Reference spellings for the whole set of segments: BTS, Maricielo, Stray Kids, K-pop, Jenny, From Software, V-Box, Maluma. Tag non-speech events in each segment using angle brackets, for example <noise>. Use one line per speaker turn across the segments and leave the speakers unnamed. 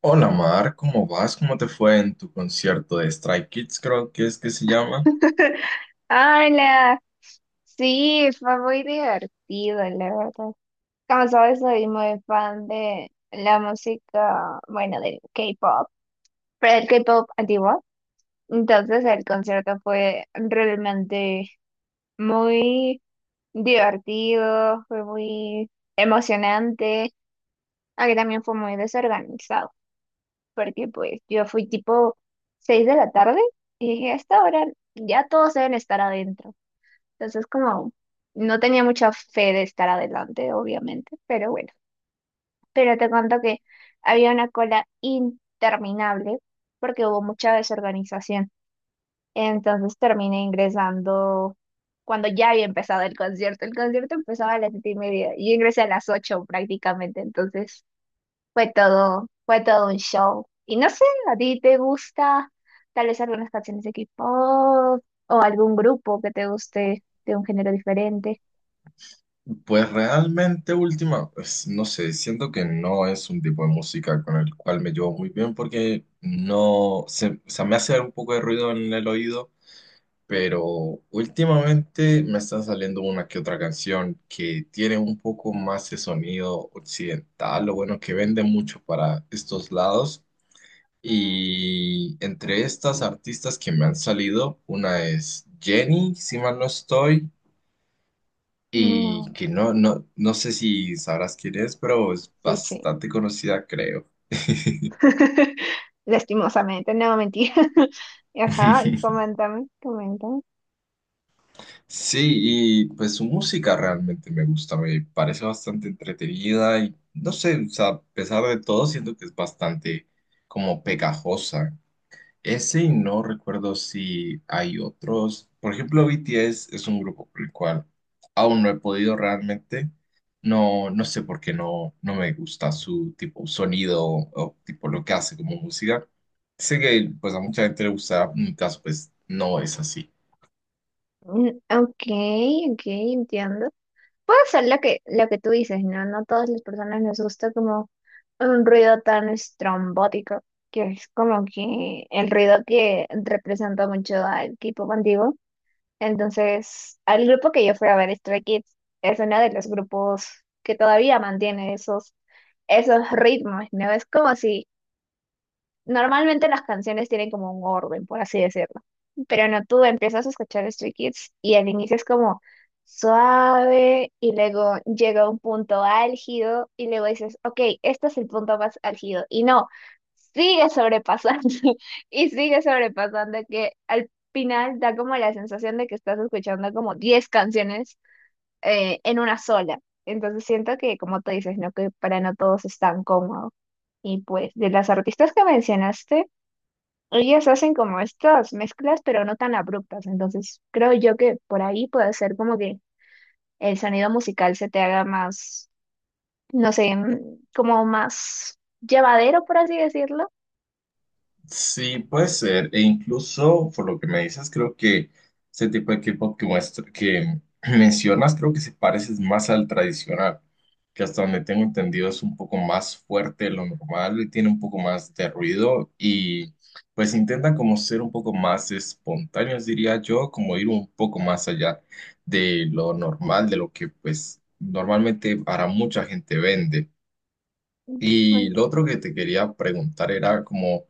Hola Mar, ¿cómo vas? ¿Cómo te fue en tu concierto de Stray Kids? Creo que es que se llama.
<laughs> Hola, sí, fue muy divertido, la verdad. Como sabes, soy muy fan de la música, bueno, del K-pop, pero el K-pop antiguo. Entonces el concierto fue realmente muy divertido, fue muy emocionante, aunque también fue muy desorganizado, porque pues yo fui tipo 6 de la tarde y dije, a esta hora ya todos deben estar adentro. Entonces, como no tenía mucha fe de estar adelante, obviamente, pero bueno. Pero te cuento que había una cola interminable porque hubo mucha desorganización. Entonces terminé ingresando cuando ya había empezado el concierto. El concierto empezaba a las 7:30. Yo ingresé a las 8 prácticamente. Entonces fue todo un show. Y no sé, ¿a ti te gusta tal vez algunas canciones de K-pop o algún grupo que te guste de un género diferente?
Pues realmente última, pues no sé, siento que no es un tipo de música con el cual me llevo muy bien porque no, se, o sea, me hace un poco de ruido en el oído, pero últimamente me está saliendo una que otra canción que tiene un poco más de sonido occidental, lo bueno que vende mucho para estos lados. Y entre estas artistas que me han salido, una es Jenny, si mal no estoy, y
No,
que no sé si sabrás quién es, pero es
sí, sí.
bastante conocida, creo.
<laughs> Lastimosamente, no, mentira. <laughs> Ajá, y
<laughs>
coméntame, coméntame.
Sí, y pues su música realmente me gusta, me parece bastante entretenida y no sé, o sea, a pesar de todo, siento que es bastante como pegajosa. Ese y no recuerdo si hay otros. Por ejemplo, BTS es un grupo por el cual aún no he podido realmente. No, no sé por qué no, no me gusta su tipo sonido o tipo lo que hace como música. Sé que pues a mucha gente le gusta, en mi caso pues no es así.
Mm, ok, ok, entiendo. Puede ser lo que tú dices, ¿no? No todas las personas nos gusta como un ruido tan estrombótico, que es como que el ruido que representa mucho al equipo antiguo. Entonces, al grupo que yo fui a ver, Stray Kids, es uno de los grupos que todavía mantiene esos ritmos, ¿no? Es como si normalmente las canciones tienen como un orden, por así decirlo. Pero no, tú empiezas a escuchar Stray Kids y al inicio es como suave y luego llega un punto álgido y luego dices, ok, este es el punto más álgido. Y no, sigue sobrepasando <laughs> y sigue sobrepasando que al final da como la sensación de que estás escuchando como 10 canciones en una sola. Entonces siento que, como tú dices, ¿no? Que para no todos es tan cómodo. Y pues, de las artistas que mencionaste, ellas hacen como estas mezclas, pero no tan abruptas. Entonces, creo yo que por ahí puede ser como que el sonido musical se te haga más, no sé, como más llevadero, por así decirlo.
Sí, puede ser. E incluso, por lo que me dices, creo que ese tipo de K-pop que muestra, que <clears throat> mencionas, creo que se parece más al tradicional, que hasta donde tengo entendido es un poco más fuerte de lo normal, y tiene un poco más de ruido y pues intenta como ser un poco más espontáneos, diría yo, como ir un poco más allá de lo normal, de lo que pues normalmente para mucha gente vende.
Mm,
Y
pues,
lo otro que te quería preguntar era como,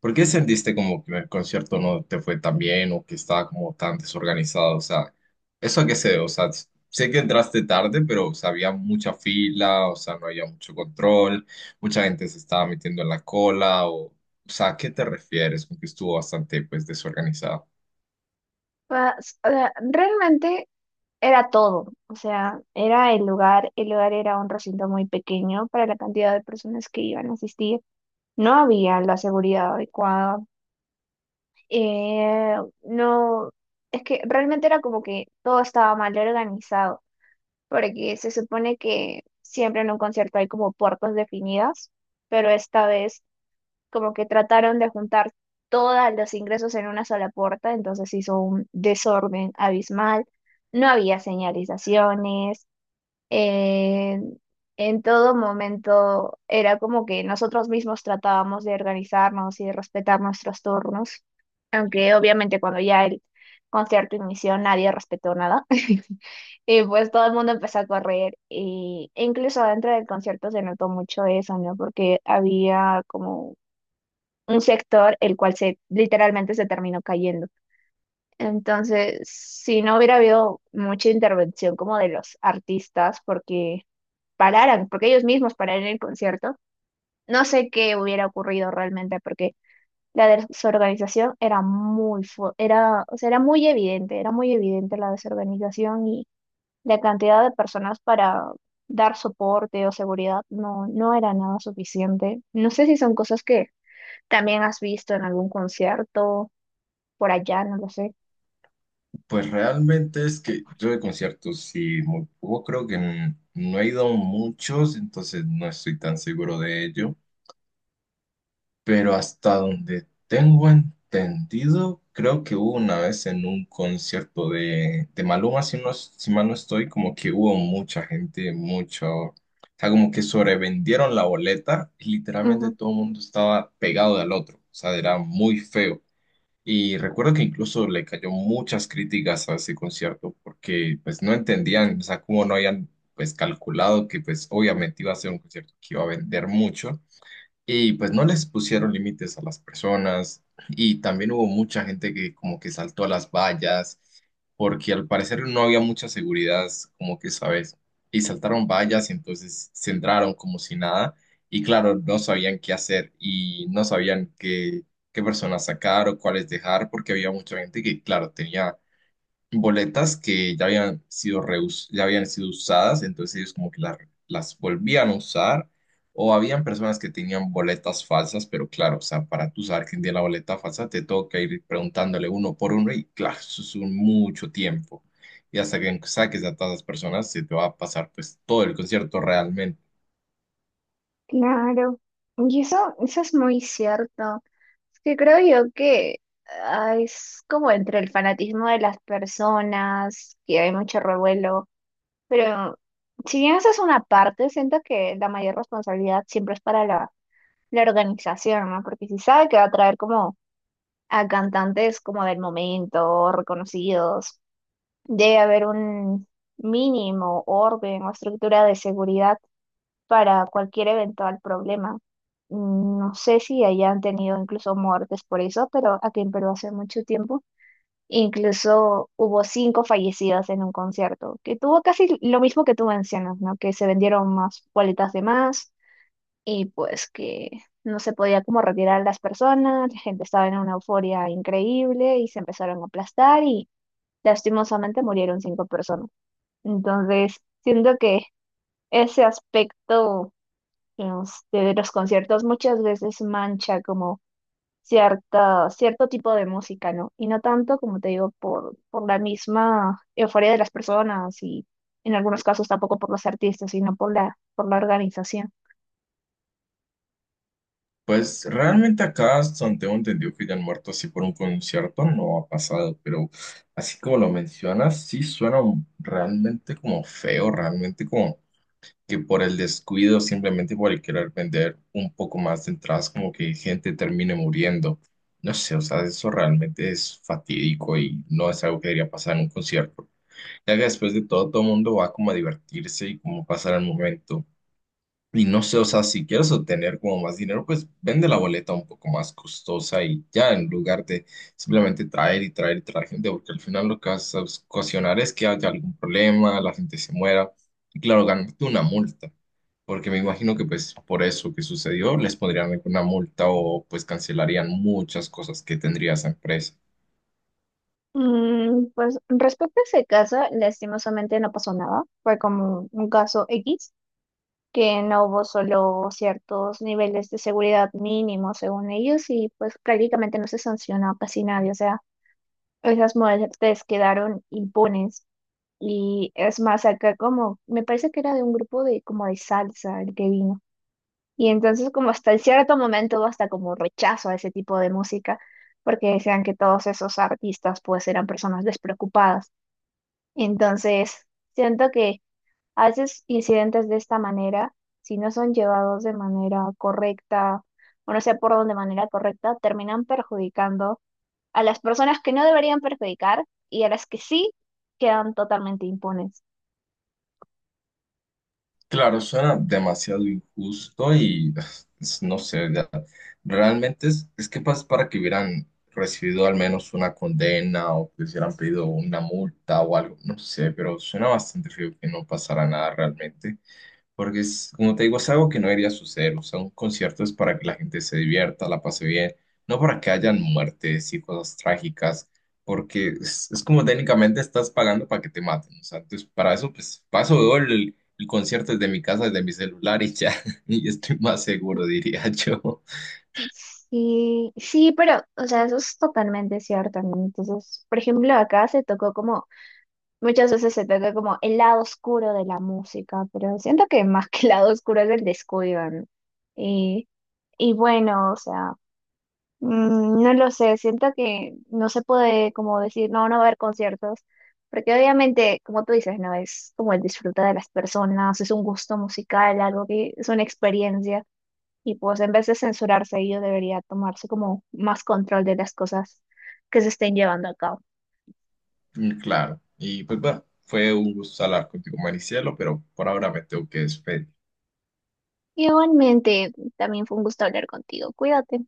¿por qué sentiste como que el concierto no te fue tan bien o que estaba como tan desorganizado? O sea, ¿eso a qué se debe? O sea, s- sé que entraste tarde, pero o sea, había mucha fila, o sea, no había mucho control, mucha gente se estaba metiendo en la cola, o sea, ¿a qué te refieres con que estuvo bastante pues desorganizado?
o sea, realmente era todo. O sea, era el lugar era un recinto muy pequeño para la cantidad de personas que iban a asistir. No había la seguridad adecuada. eh, no, es que realmente era como que todo estaba mal organizado, porque se supone que siempre en un concierto hay como puertas definidas, pero esta vez como que trataron de juntar todos los ingresos en una sola puerta, entonces hizo un desorden abismal. No había señalizaciones, eh, en todo momento era como que nosotros mismos tratábamos de organizarnos y de respetar nuestros turnos, aunque obviamente cuando ya el concierto inició nadie respetó nada. <laughs> Y pues todo el mundo empezó a correr y e incluso dentro del concierto se notó mucho eso, ¿no? Porque había como un sector el cual se literalmente se terminó cayendo. Entonces, si no hubiera habido mucha intervención como de los artistas, porque pararan, porque ellos mismos pararon el concierto, no sé qué hubiera ocurrido realmente, porque la desorganización era muy, o sea, era muy evidente la desorganización y la cantidad de personas para dar soporte o seguridad no, no era nada suficiente. No sé si son cosas que también has visto en algún concierto, por allá, no lo sé.
Pues realmente es que yo de conciertos sí muy poco, creo que n- no he ido a muchos, entonces no estoy tan seguro de ello. Pero hasta donde tengo entendido, creo que hubo una vez en un concierto de Maluma, si, no, si mal no estoy, como que hubo mucha gente, mucho, o sea, como que sobrevendieron la boleta y literalmente todo el mundo estaba pegado del otro, o sea, era muy feo. Y recuerdo que incluso le cayó muchas críticas a ese concierto porque pues no entendían, o sea, cómo no habían pues calculado que pues obviamente iba a ser un concierto que iba a vender mucho y pues no les pusieron límites a las personas y también hubo mucha gente que como que saltó a las vallas porque al parecer no había mucha seguridad, como que sabes, y saltaron vallas y entonces se entraron como si nada y claro, no sabían qué hacer y no sabían qué, qué personas sacar o cuáles dejar porque había mucha gente que claro, tenía boletas que ya habían sido reus- ya habían sido usadas, entonces ellos como que la- las volvían a usar, o habían personas que tenían boletas falsas, pero claro, o sea, para tú saber quién tiene la boleta falsa, te toca ir preguntándole uno por uno y claro, eso es un mucho tiempo. Y hasta que saques a todas las personas, se te va a pasar pues todo el concierto realmente.
Claro, y eso es muy cierto. Es que creo yo que es como entre el fanatismo de las personas, que hay mucho revuelo, pero si bien esa es una parte, siento que la mayor responsabilidad siempre es para la organización, ¿no? Porque si sabe que va a traer como a cantantes como del momento, reconocidos, debe haber un mínimo orden o estructura de seguridad para cualquier eventual problema. Mm, no sé si hayan tenido incluso muertes por eso, pero aquí en Perú hace mucho tiempo incluso hubo 5 fallecidas en un concierto, que tuvo casi lo mismo que tú mencionas, ¿no? Que se vendieron más boletas de más y pues que no se podía como retirar a las personas, la gente estaba en una euforia increíble y se empezaron a aplastar y lastimosamente murieron 5 personas. Entonces, siento que ese aspecto este, de los conciertos muchas veces mancha como cierto tipo de música, ¿no? Y no tanto, como te digo, por la misma euforia de las personas y en algunos casos tampoco por los artistas, sino por por la organización.
Pues realmente acá, hasta donde tengo entendido que ya han muerto así por un concierto, no ha pasado, pero así como lo mencionas, sí suena un- realmente como feo, realmente como que por el descuido, simplemente por el querer vender un poco más de entradas, como que gente termine muriendo. No sé, o sea, eso realmente es fatídico y no es algo que debería pasar en un concierto, ya que después de todo, todo el mundo va como a divertirse y como pasar el momento. Y no sé, o sea, si quieres obtener como más dinero, pues vende la boleta un poco más costosa y ya, en lugar de simplemente traer y traer y traer gente, porque al final lo que vas a ocasionar es que haya algún problema, la gente se muera. Y claro, ganarte una multa, porque me imagino que pues por eso que sucedió les pondrían una multa o pues cancelarían muchas cosas que tendría esa empresa.
Mm, pues respecto a ese caso, lastimosamente no pasó nada. Fue como un caso X, que no hubo solo ciertos niveles de seguridad mínimos según ellos y pues prácticamente no se sancionó a casi nadie. O sea, esas modalidades quedaron impunes. Y es más, acá como, me parece que era de un grupo de como de salsa el que vino. Y entonces como hasta en cierto momento hubo hasta como rechazo a ese tipo de música, porque decían que todos esos artistas pues eran personas despreocupadas. Entonces, siento que a veces incidentes de esta manera, si no son llevados de manera correcta, o no sé por dónde manera correcta, terminan perjudicando a las personas que no deberían perjudicar y a las que sí quedan totalmente impunes.
Claro, suena demasiado injusto y <sighs> es- no sé, ya, realmente es que pas- para que hubieran recibido al menos una condena o que hubieran pedido una multa o algo, no sé, pero suena bastante feo que no pasara nada realmente. Porque es, como te digo, es algo que no debería suceder. O sea, un concierto es para que la gente se divierta, la pase bien, no para que hayan muertes y cosas trágicas, porque es como técnicamente estás pagando para que te maten. O sea, entonces para eso, pues paso veo el concierto desde mi casa, desde mi celular y ya, <laughs> y estoy más seguro, diría <laughs> yo.
Sí, sí, pero, o sea, eso es totalmente cierto, ¿no? Entonces, por ejemplo, acá se tocó como, muchas veces se toca como el lado oscuro de la música, pero siento que más que el lado oscuro es el descuido, ¿no? Y, y bueno, o sea. Mm, no lo sé, siento que no se puede como decir, no, no va a haber conciertos, porque obviamente, como tú dices, no es como el disfrutar de las personas, es un gusto musical, algo que es una experiencia, y pues en vez de censurarse, ello debería tomarse como más control de las cosas que se estén llevando a cabo.
Mm, claro, y pues bueno, fue un gusto hablar contigo, Maricielo, pero por ahora me tengo que despedir.
Igualmente, también fue un gusto hablar contigo, cuídate.